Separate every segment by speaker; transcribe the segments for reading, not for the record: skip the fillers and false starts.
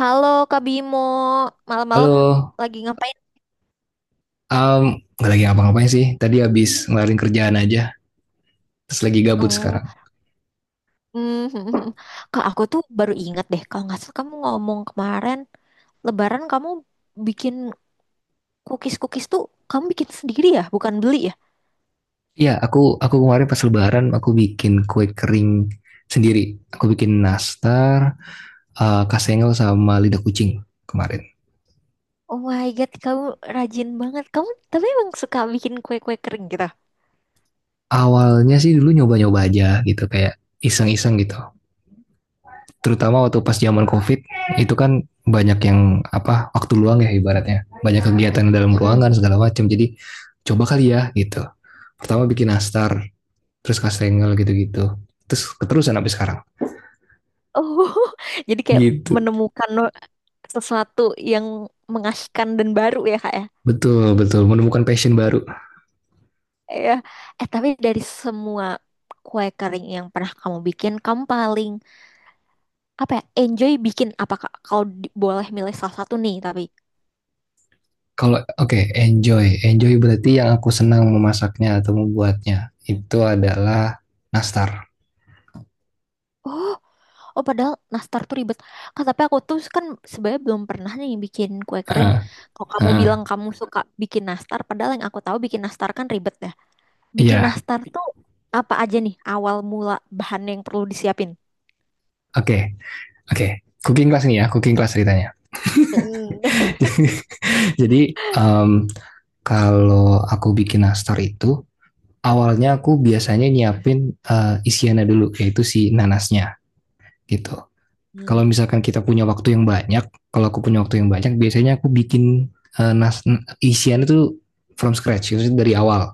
Speaker 1: Halo Kak Bimo,
Speaker 2: Halo,
Speaker 1: malam-malam lagi ngapain?
Speaker 2: um, nggak lagi ngapa-ngapain sih. Tadi habis ngelarin kerjaan aja, terus lagi gabut
Speaker 1: Oh,
Speaker 2: sekarang.
Speaker 1: hmm, Kak aku tuh baru ingat deh, kalau nggak salah kamu ngomong kemarin Lebaran kamu bikin cookies-cookies tuh kamu bikin sendiri ya, bukan beli ya?
Speaker 2: Iya, aku kemarin pas Lebaran aku bikin kue kering sendiri. Aku bikin nastar, eh, kasengel sama lidah kucing kemarin.
Speaker 1: Oh my God, kamu rajin banget. Kamu tapi emang suka bikin kue-kue kering gitu?
Speaker 2: Awalnya sih dulu nyoba-nyoba aja gitu, kayak iseng-iseng gitu. Terutama waktu pas zaman COVID itu kan banyak yang apa waktu luang ya ibaratnya, banyak kegiatan dalam
Speaker 1: Hmm.
Speaker 2: ruangan segala macam. Jadi coba kali ya gitu. Pertama bikin nastar, terus Kastengel gitu-gitu. Terus keterusan sampai sekarang.
Speaker 1: Oh, jadi kayak
Speaker 2: Gitu.
Speaker 1: menemukan sesuatu yang mengasihkan dan baru ya Kak ya?
Speaker 2: Betul, betul. Menemukan passion baru.
Speaker 1: Iya. Eh tapi dari semua kue kering yang pernah kamu bikin, kamu paling apa ya? Enjoy bikin apa Kak? Kalau boleh milih salah satu nih tapi.
Speaker 2: Kalau, oke, okay, enjoy. Enjoy berarti yang aku senang memasaknya atau membuatnya.
Speaker 1: Hmm.
Speaker 2: Itu adalah nastar.
Speaker 1: Oh, oh padahal nastar tuh ribet. Kak, tapi aku tuh kan sebenarnya belum pernah nih bikin kue
Speaker 2: Heeh,
Speaker 1: kering.
Speaker 2: heeh.
Speaker 1: Kalau
Speaker 2: Iya,
Speaker 1: kamu bilang kamu suka bikin nastar, padahal yang aku tahu bikin nastar kan ribet ya. Bikin
Speaker 2: yeah.
Speaker 1: nastar tuh apa aja nih awal mula bahan yang perlu disiapin?
Speaker 2: Oke, okay, oke. Okay. Cooking class nih ya, cooking class ceritanya.
Speaker 1: Mm.
Speaker 2: Jadi, em, kalau aku bikin nastar itu, awalnya aku biasanya nyiapin isiannya dulu, yaitu si nanasnya gitu.
Speaker 1: Hmm.
Speaker 2: Kalau misalkan kita punya waktu yang banyak, kalau aku punya waktu yang banyak, biasanya aku bikin eh, nas isian itu from scratch, maksudnya dari awal.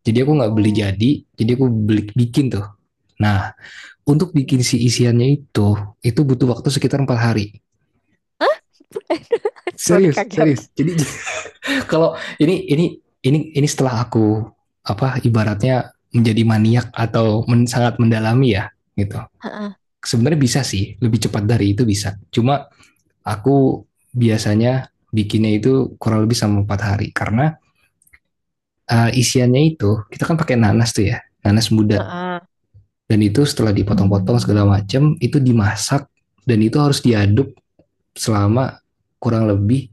Speaker 2: Jadi aku nggak beli
Speaker 1: Oh.
Speaker 2: jadi aku beli bikin tuh. Nah, untuk
Speaker 1: Hmm.
Speaker 2: bikin si isiannya itu butuh waktu sekitar 4 hari.
Speaker 1: Sorry
Speaker 2: Serius,
Speaker 1: kaget.
Speaker 2: serius. Jadi kalau ini setelah aku apa ibaratnya menjadi maniak atau sangat mendalami ya gitu. Sebenarnya bisa sih, lebih cepat dari itu bisa. Cuma aku biasanya bikinnya itu kurang lebih sama empat hari karena isiannya itu kita kan pakai nanas tuh ya nanas muda
Speaker 1: Heeh.
Speaker 2: dan itu setelah dipotong-potong segala macam itu dimasak dan itu harus diaduk selama kurang lebih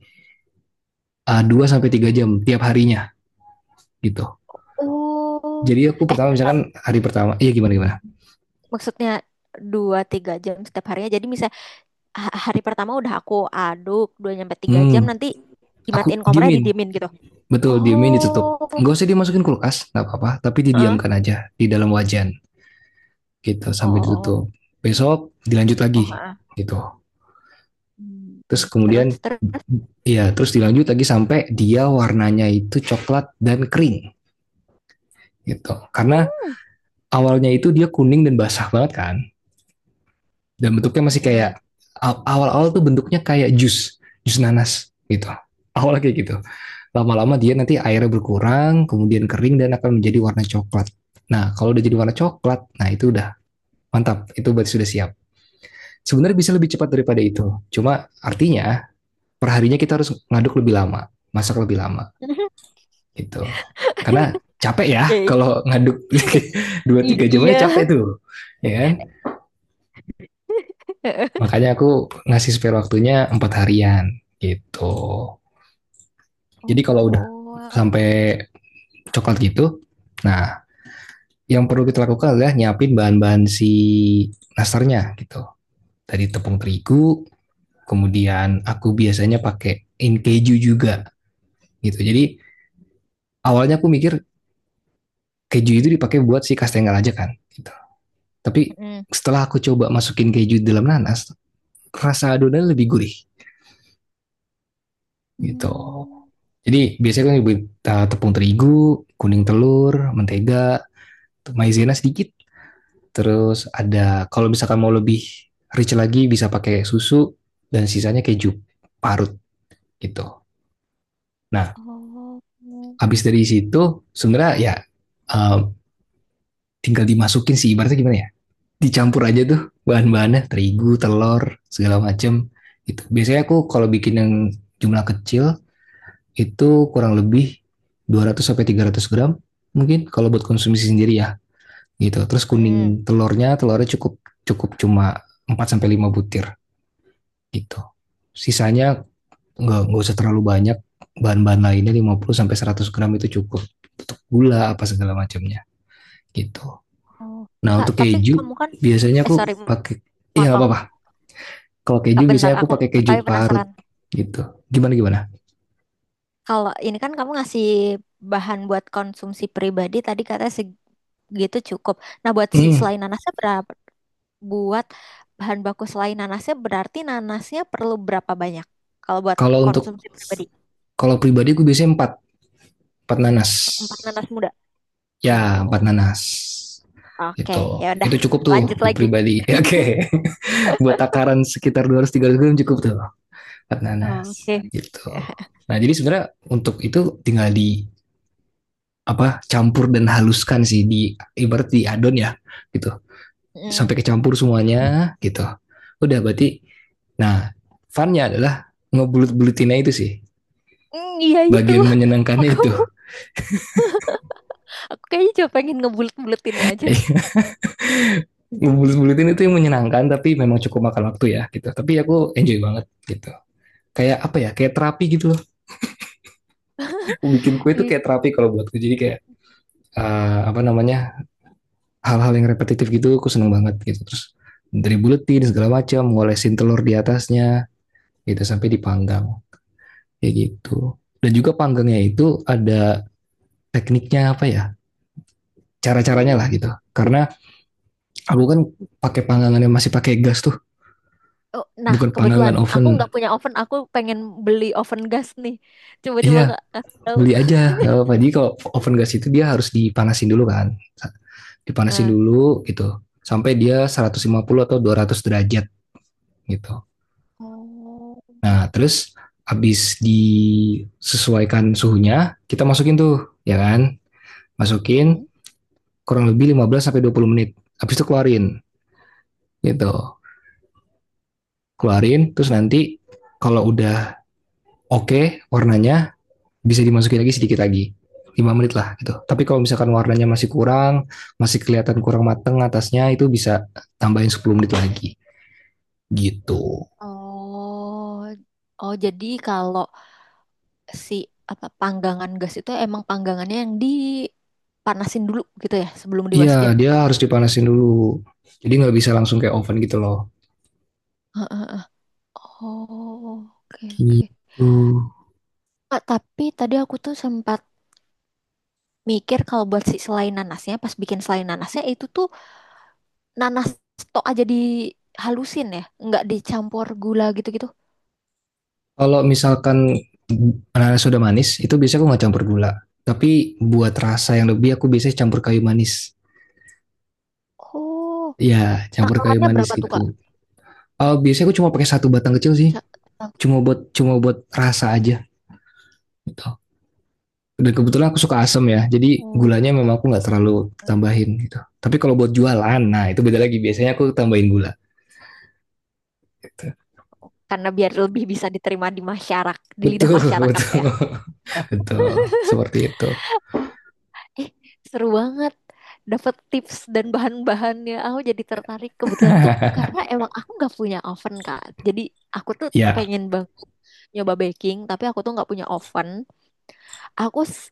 Speaker 2: 2 sampai tiga jam tiap harinya gitu.
Speaker 1: Oh,
Speaker 2: Jadi aku
Speaker 1: eh
Speaker 2: pertama misalkan
Speaker 1: bentar.
Speaker 2: hari pertama iya gimana gimana.
Speaker 1: Maksudnya dua tiga jam setiap harinya. Jadi misalnya hari pertama udah aku aduk dua nyampe tiga
Speaker 2: Hmm.
Speaker 1: jam nanti
Speaker 2: Aku
Speaker 1: dimatiin kompornya
Speaker 2: diemin,
Speaker 1: didiemin gitu.
Speaker 2: betul diemin ditutup
Speaker 1: Oh,
Speaker 2: nggak usah dimasukin kulkas nggak apa-apa tapi
Speaker 1: heeh,
Speaker 2: didiamkan aja di dalam wajan gitu
Speaker 1: oh,
Speaker 2: sampai
Speaker 1: oh,
Speaker 2: ditutup. Besok dilanjut
Speaker 1: oh.
Speaker 2: lagi
Speaker 1: Heeh.
Speaker 2: gitu.
Speaker 1: Hmm,
Speaker 2: Terus
Speaker 1: hmm.
Speaker 2: kemudian
Speaker 1: Terus terus.
Speaker 2: ya terus dilanjut lagi sampai dia warnanya itu coklat dan kering gitu. Karena
Speaker 1: Hmm.
Speaker 2: awalnya itu dia kuning dan basah banget kan. Dan bentuknya masih
Speaker 1: Mm-mm.
Speaker 2: kayak awal-awal tuh bentuknya kayak jus, jus nanas gitu. Awalnya kayak gitu. Lama-lama dia nanti airnya berkurang, kemudian kering dan akan menjadi warna coklat. Nah, kalau udah jadi warna coklat, nah itu udah mantap. Itu berarti sudah siap. Sebenarnya bisa lebih cepat daripada itu. Cuma artinya perharinya kita harus ngaduk lebih lama, masak lebih lama gitu. Karena capek ya
Speaker 1: Oke.
Speaker 2: kalau ngaduk
Speaker 1: I-
Speaker 2: dua
Speaker 1: i-
Speaker 2: tiga jam aja capek
Speaker 1: iya.
Speaker 2: tuh, ya kan? Makanya aku ngasih spare waktunya 4 harian gitu. Jadi
Speaker 1: Oh,
Speaker 2: kalau udah
Speaker 1: wah.
Speaker 2: sampai coklat gitu, nah yang perlu kita lakukan adalah nyiapin bahan-bahan si nastarnya gitu. Tadi tepung terigu, kemudian aku biasanya pakai in keju juga gitu. Jadi awalnya aku mikir keju itu dipakai buat si kastengel aja kan gitu. Tapi
Speaker 1: Mm-mm.
Speaker 2: setelah aku coba masukin keju dalam nanas rasa adonan lebih gurih gitu.
Speaker 1: Hmm.
Speaker 2: Jadi biasanya kan ibu tepung terigu kuning telur mentega maizena sedikit terus ada kalau misalkan mau lebih rich lagi bisa pakai susu dan sisanya keju parut gitu. Nah
Speaker 1: Oh.
Speaker 2: habis dari situ sebenarnya ya, uh, tinggal dimasukin sih ibaratnya gimana ya dicampur aja tuh bahan-bahannya terigu telur segala macem gitu. Biasanya aku kalau bikin yang jumlah kecil itu kurang lebih 200 sampai 300 gram mungkin kalau buat konsumsi sendiri ya gitu. Terus
Speaker 1: Mm-mm.
Speaker 2: kuning telurnya telurnya cukup cukup cuma 4 sampai 5 butir gitu. Sisanya nggak usah terlalu banyak. Bahan-bahan lainnya 50 sampai 100 gram itu cukup untuk gula apa segala macamnya gitu.
Speaker 1: Oh,
Speaker 2: Nah
Speaker 1: Kak,
Speaker 2: untuk
Speaker 1: tapi
Speaker 2: keju
Speaker 1: kamu kan
Speaker 2: biasanya
Speaker 1: eh
Speaker 2: aku
Speaker 1: sorry
Speaker 2: pakai. Iya nggak
Speaker 1: motong.
Speaker 2: apa-apa. Kalau keju
Speaker 1: Kak,
Speaker 2: biasanya
Speaker 1: bentar,
Speaker 2: aku
Speaker 1: aku
Speaker 2: pakai keju
Speaker 1: tapi
Speaker 2: parut
Speaker 1: penasaran.
Speaker 2: gitu. Gimana gimana?
Speaker 1: Kalau ini kan kamu ngasih bahan buat konsumsi pribadi tadi katanya segitu cukup. Nah, buat si
Speaker 2: Hmm.
Speaker 1: selain nanasnya berapa? Buat bahan baku selain nanasnya berarti nanasnya perlu berapa banyak? Kalau buat
Speaker 2: Kalau untuk
Speaker 1: konsumsi pribadi,
Speaker 2: kalau pribadi aku biasanya empat empat nanas.
Speaker 1: empat nanas muda.
Speaker 2: Ya
Speaker 1: Oh,
Speaker 2: empat nanas.
Speaker 1: oke,
Speaker 2: Gitu.
Speaker 1: ya udah,
Speaker 2: Itu cukup tuh
Speaker 1: lanjut
Speaker 2: buat
Speaker 1: lagi.
Speaker 2: pribadi. Ya, oke. Okay. Buat takaran sekitar 200-300 gram cukup tuh empat nanas.
Speaker 1: Oke.
Speaker 2: Gitu.
Speaker 1: Dan
Speaker 2: Nah jadi sebenarnya untuk itu tinggal di apa campur dan haluskan sih di ibarat di adon ya gitu
Speaker 1: mm,
Speaker 2: sampai kecampur semuanya gitu. Udah berarti nah funnya adalah ngebulut-bulutinnya itu sih
Speaker 1: mm, iya itu.
Speaker 2: bagian menyenangkannya
Speaker 1: Aku
Speaker 2: itu.
Speaker 1: aku kayaknya cuma pengen ngebulet-buletinnya aja.
Speaker 2: Ngebulut-bulutin itu yang menyenangkan tapi memang cukup makan waktu ya gitu tapi aku enjoy banget gitu kayak apa ya kayak terapi gitu loh. Bikin kue itu
Speaker 1: Eh,
Speaker 2: kayak terapi kalau buatku jadi kayak apa namanya hal-hal yang repetitif gitu aku seneng banget gitu. Terus dari buletin segala macam ngolesin telur di atasnya gitu sampai dipanggang kayak gitu. Dan juga panggangnya itu ada tekniknya apa ya cara-caranya lah
Speaker 1: oh.
Speaker 2: gitu karena aku kan pakai panggangan yang masih pakai gas tuh
Speaker 1: Oh, nah,
Speaker 2: bukan
Speaker 1: kebetulan
Speaker 2: panggangan oven.
Speaker 1: aku nggak punya oven. Aku pengen beli oven gas nih. Coba-coba
Speaker 2: Iya
Speaker 1: kak kasih tahu.
Speaker 2: beli aja nggak apa-apa jadi kalau oven gas itu dia harus dipanasin dulu kan dipanasin
Speaker 1: Eh,
Speaker 2: dulu gitu sampai dia 150 atau 200 derajat gitu.
Speaker 1: oh,
Speaker 2: Nah terus habis disesuaikan suhunya kita masukin tuh ya kan masukin
Speaker 1: hmm,
Speaker 2: kurang lebih 15 sampai 20 menit habis itu keluarin gitu. Keluarin terus
Speaker 1: oh,
Speaker 2: nanti kalau udah oke warnanya bisa dimasukin lagi sedikit lagi 5 menit lah gitu tapi kalau misalkan warnanya masih kurang masih kelihatan kurang mateng atasnya itu bisa tambahin 10 menit lagi gitu.
Speaker 1: oh, oh. Jadi kalau si apa panggangan gas itu emang panggangannya yang dipanasin dulu gitu ya sebelum
Speaker 2: Iya
Speaker 1: dimasukin.
Speaker 2: dia harus dipanasin dulu jadi nggak bisa langsung kayak oven gitu loh
Speaker 1: Heeh. Oh, oke oke.
Speaker 2: gitu.
Speaker 1: Ah, tapi tadi aku tuh sempat mikir kalau buat si selai nanasnya, pas bikin selai nanasnya itu tuh nanas tok aja dihalusin ya, nggak dicampur gula gitu-gitu.
Speaker 2: Kalau misalkan ananas sudah manis itu biasanya aku nggak campur gula tapi buat rasa yang lebih aku biasanya campur kayu manis
Speaker 1: Oh,
Speaker 2: ya campur kayu
Speaker 1: takarannya
Speaker 2: manis
Speaker 1: berapa tuh
Speaker 2: gitu.
Speaker 1: Kak?
Speaker 2: Eh biasanya aku cuma pakai satu batang kecil sih
Speaker 1: Sa-
Speaker 2: cuma buat rasa aja gitu. Dan kebetulan aku suka asam ya, jadi
Speaker 1: Oh,
Speaker 2: gulanya memang aku nggak terlalu
Speaker 1: oke.
Speaker 2: tambahin gitu. Tapi kalau buat jualan, nah itu beda lagi. Biasanya aku tambahin gula. Gitu.
Speaker 1: Karena biar lebih bisa diterima di masyarakat, di lidah
Speaker 2: Betul,
Speaker 1: masyarakat
Speaker 2: betul,
Speaker 1: ya.
Speaker 2: betul. Seperti itu.
Speaker 1: Oh, eh, seru banget. Dapat tips dan bahan-bahannya, aku jadi tertarik kebetulan tuh karena emang aku nggak punya oven Kak. Jadi aku tuh
Speaker 2: Ya,
Speaker 1: pengen banget nyoba baking, tapi aku tuh nggak punya oven. Aku s-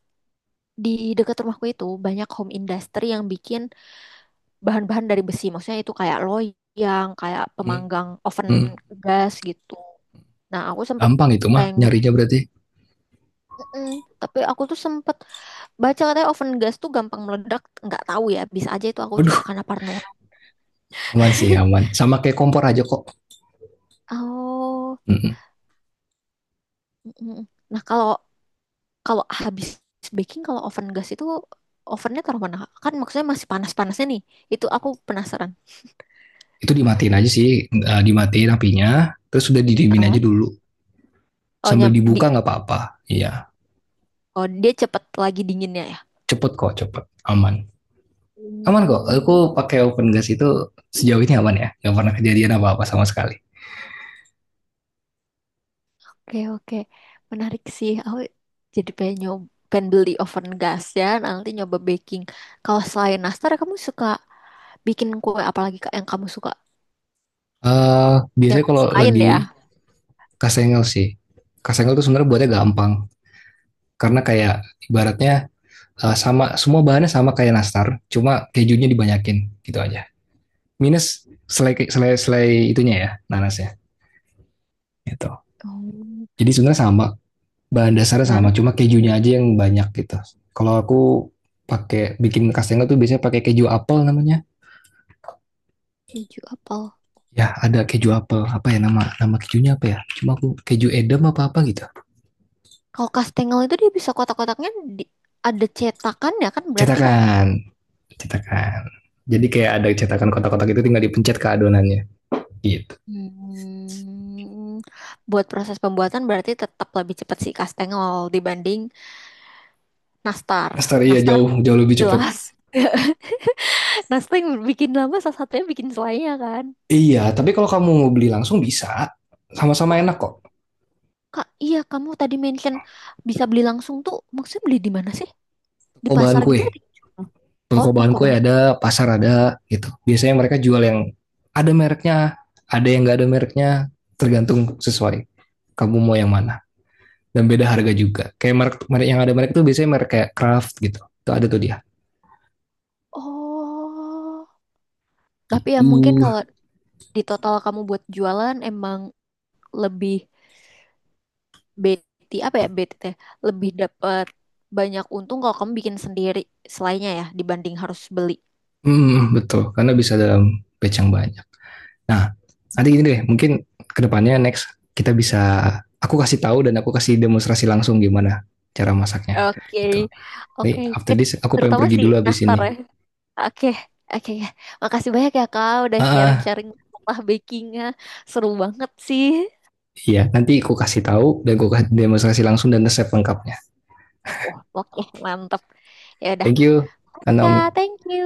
Speaker 1: di dekat rumahku itu banyak home industry yang bikin bahan-bahan dari besi. Maksudnya itu kayak loyang, kayak
Speaker 2: Hmm.
Speaker 1: pemanggang oven
Speaker 2: Hmm.
Speaker 1: gas gitu. Nah, aku sempat
Speaker 2: Gampang itu mah
Speaker 1: pengen,
Speaker 2: nyarinya berarti.
Speaker 1: mm-mm, tapi aku tuh sempat baca katanya oven gas tuh gampang meledak. Nggak tahu ya, bisa aja itu aku cuma
Speaker 2: Waduh,
Speaker 1: karena parno.
Speaker 2: aman sih aman. Sama kayak kompor aja kok.
Speaker 1: Oh,
Speaker 2: Mm.
Speaker 1: mm-mm. Nah kalau kalau habis baking, kalau oven gas itu ovennya taruh mana? Kan maksudnya masih panas-panasnya nih. Itu aku penasaran.
Speaker 2: Itu dimatiin aja sih, eh, dimatiin apinya. Terus sudah didiemin aja
Speaker 1: Heeh.
Speaker 2: dulu.
Speaker 1: Oh,
Speaker 2: Sambil
Speaker 1: nyam, di,
Speaker 2: dibuka nggak apa-apa. Iya,
Speaker 1: oh, dia cepet lagi dinginnya ya?
Speaker 2: cepet kok, cepet, aman. Aman kok, aku
Speaker 1: Oh.
Speaker 2: pakai open gas itu sejauh ini aman ya, nggak pernah kejadian apa-apa sama sekali.
Speaker 1: Oke, oke. Menarik sih. Aku jadi pengen nyoba pengen beli oven gas ya. Nanti nyoba baking. Kalau selain nastar, kamu suka bikin kue apalagi Kak, yang kamu suka?
Speaker 2: Eh
Speaker 1: Yang
Speaker 2: biasanya
Speaker 1: kamu
Speaker 2: kalau
Speaker 1: sukain
Speaker 2: lagi
Speaker 1: ya?
Speaker 2: kasengel sih, kasengel tuh sebenarnya buatnya gampang, karena kayak ibaratnya eh, sama semua bahannya sama kayak nastar, cuma kejunya dibanyakin gitu aja. Minus selai selai selai itunya ya, nanasnya gitu.
Speaker 1: Oh,
Speaker 2: Jadi sebenarnya sama, bahan dasarnya sama,
Speaker 1: nah,
Speaker 2: cuma kejunya aja yang banyak gitu. Kalau aku pakai bikin kastengel tuh biasanya pakai keju apel namanya.
Speaker 1: keju apel.
Speaker 2: Ya, ada keju apel. Apa ya nama nama kejunya apa ya? Cuma aku keju edam apa apa gitu.
Speaker 1: Kalau kastengel itu dia bisa kotak-kotaknya di- ada cetakannya kan berarti Kak?
Speaker 2: Cetakan, cetakan. Jadi kayak ada cetakan kotak-kotak itu tinggal dipencet ke adonannya. Gitu.
Speaker 1: Hmm, buat proses pembuatan berarti tetap lebih cepat sih kastengel dibanding nastar.
Speaker 2: Nastar iya
Speaker 1: Nastar
Speaker 2: jauh
Speaker 1: udah
Speaker 2: jauh lebih cepet.
Speaker 1: jelas. Nah, yang bikin lama salah satunya bikin selainya kan.
Speaker 2: Iya, tapi kalau kamu mau beli langsung bisa. Sama-sama
Speaker 1: Oh,
Speaker 2: enak kok.
Speaker 1: Kak, iya kamu tadi mention bisa beli langsung tuh. Maksudnya beli di mana sih? Di
Speaker 2: Toko bahan
Speaker 1: pasar gitu
Speaker 2: kue.
Speaker 1: ada yang jual? Oh,
Speaker 2: Toko bahan
Speaker 1: toko
Speaker 2: kue
Speaker 1: bahan.
Speaker 2: ada, pasar ada gitu. Biasanya mereka jual yang ada mereknya, ada yang nggak ada mereknya, tergantung sesuai. Kamu mau yang mana? Dan beda harga juga. Kayak merek, merek yang ada merek tuh biasanya merek kayak Kraft gitu. Itu ada tuh dia.
Speaker 1: Oh. Tapi ya
Speaker 2: Gitu.
Speaker 1: mungkin kalau di total kamu buat jualan emang lebih BT apa ya BT teh, lebih dapat banyak untung kalau kamu bikin sendiri selainnya ya dibanding harus beli.
Speaker 2: Hmm, betul. Karena bisa dalam batch yang banyak. Nah, nanti gini deh, mungkin kedepannya next kita bisa, aku kasih tahu dan aku kasih demonstrasi langsung gimana cara masaknya
Speaker 1: Oke.
Speaker 2: gitu.
Speaker 1: Oke,
Speaker 2: Nih, after
Speaker 1: Ke-
Speaker 2: this aku pengen
Speaker 1: terutama
Speaker 2: pergi
Speaker 1: si
Speaker 2: dulu habis
Speaker 1: nastar
Speaker 2: ini.
Speaker 1: ya. Oke, oke ya. Makasih banyak ya Kak udah
Speaker 2: Ah, ah,
Speaker 1: sharing-sharing masalah bakingnya. Seru banget sih.
Speaker 2: iya, nanti aku kasih tahu dan aku kasih demonstrasi langsung dan resep lengkapnya.
Speaker 1: Wah, oke, mantap. Ya udah.
Speaker 2: Thank you,
Speaker 1: Oke,
Speaker 2: Kak
Speaker 1: Kak,
Speaker 2: Naomi.
Speaker 1: thank you.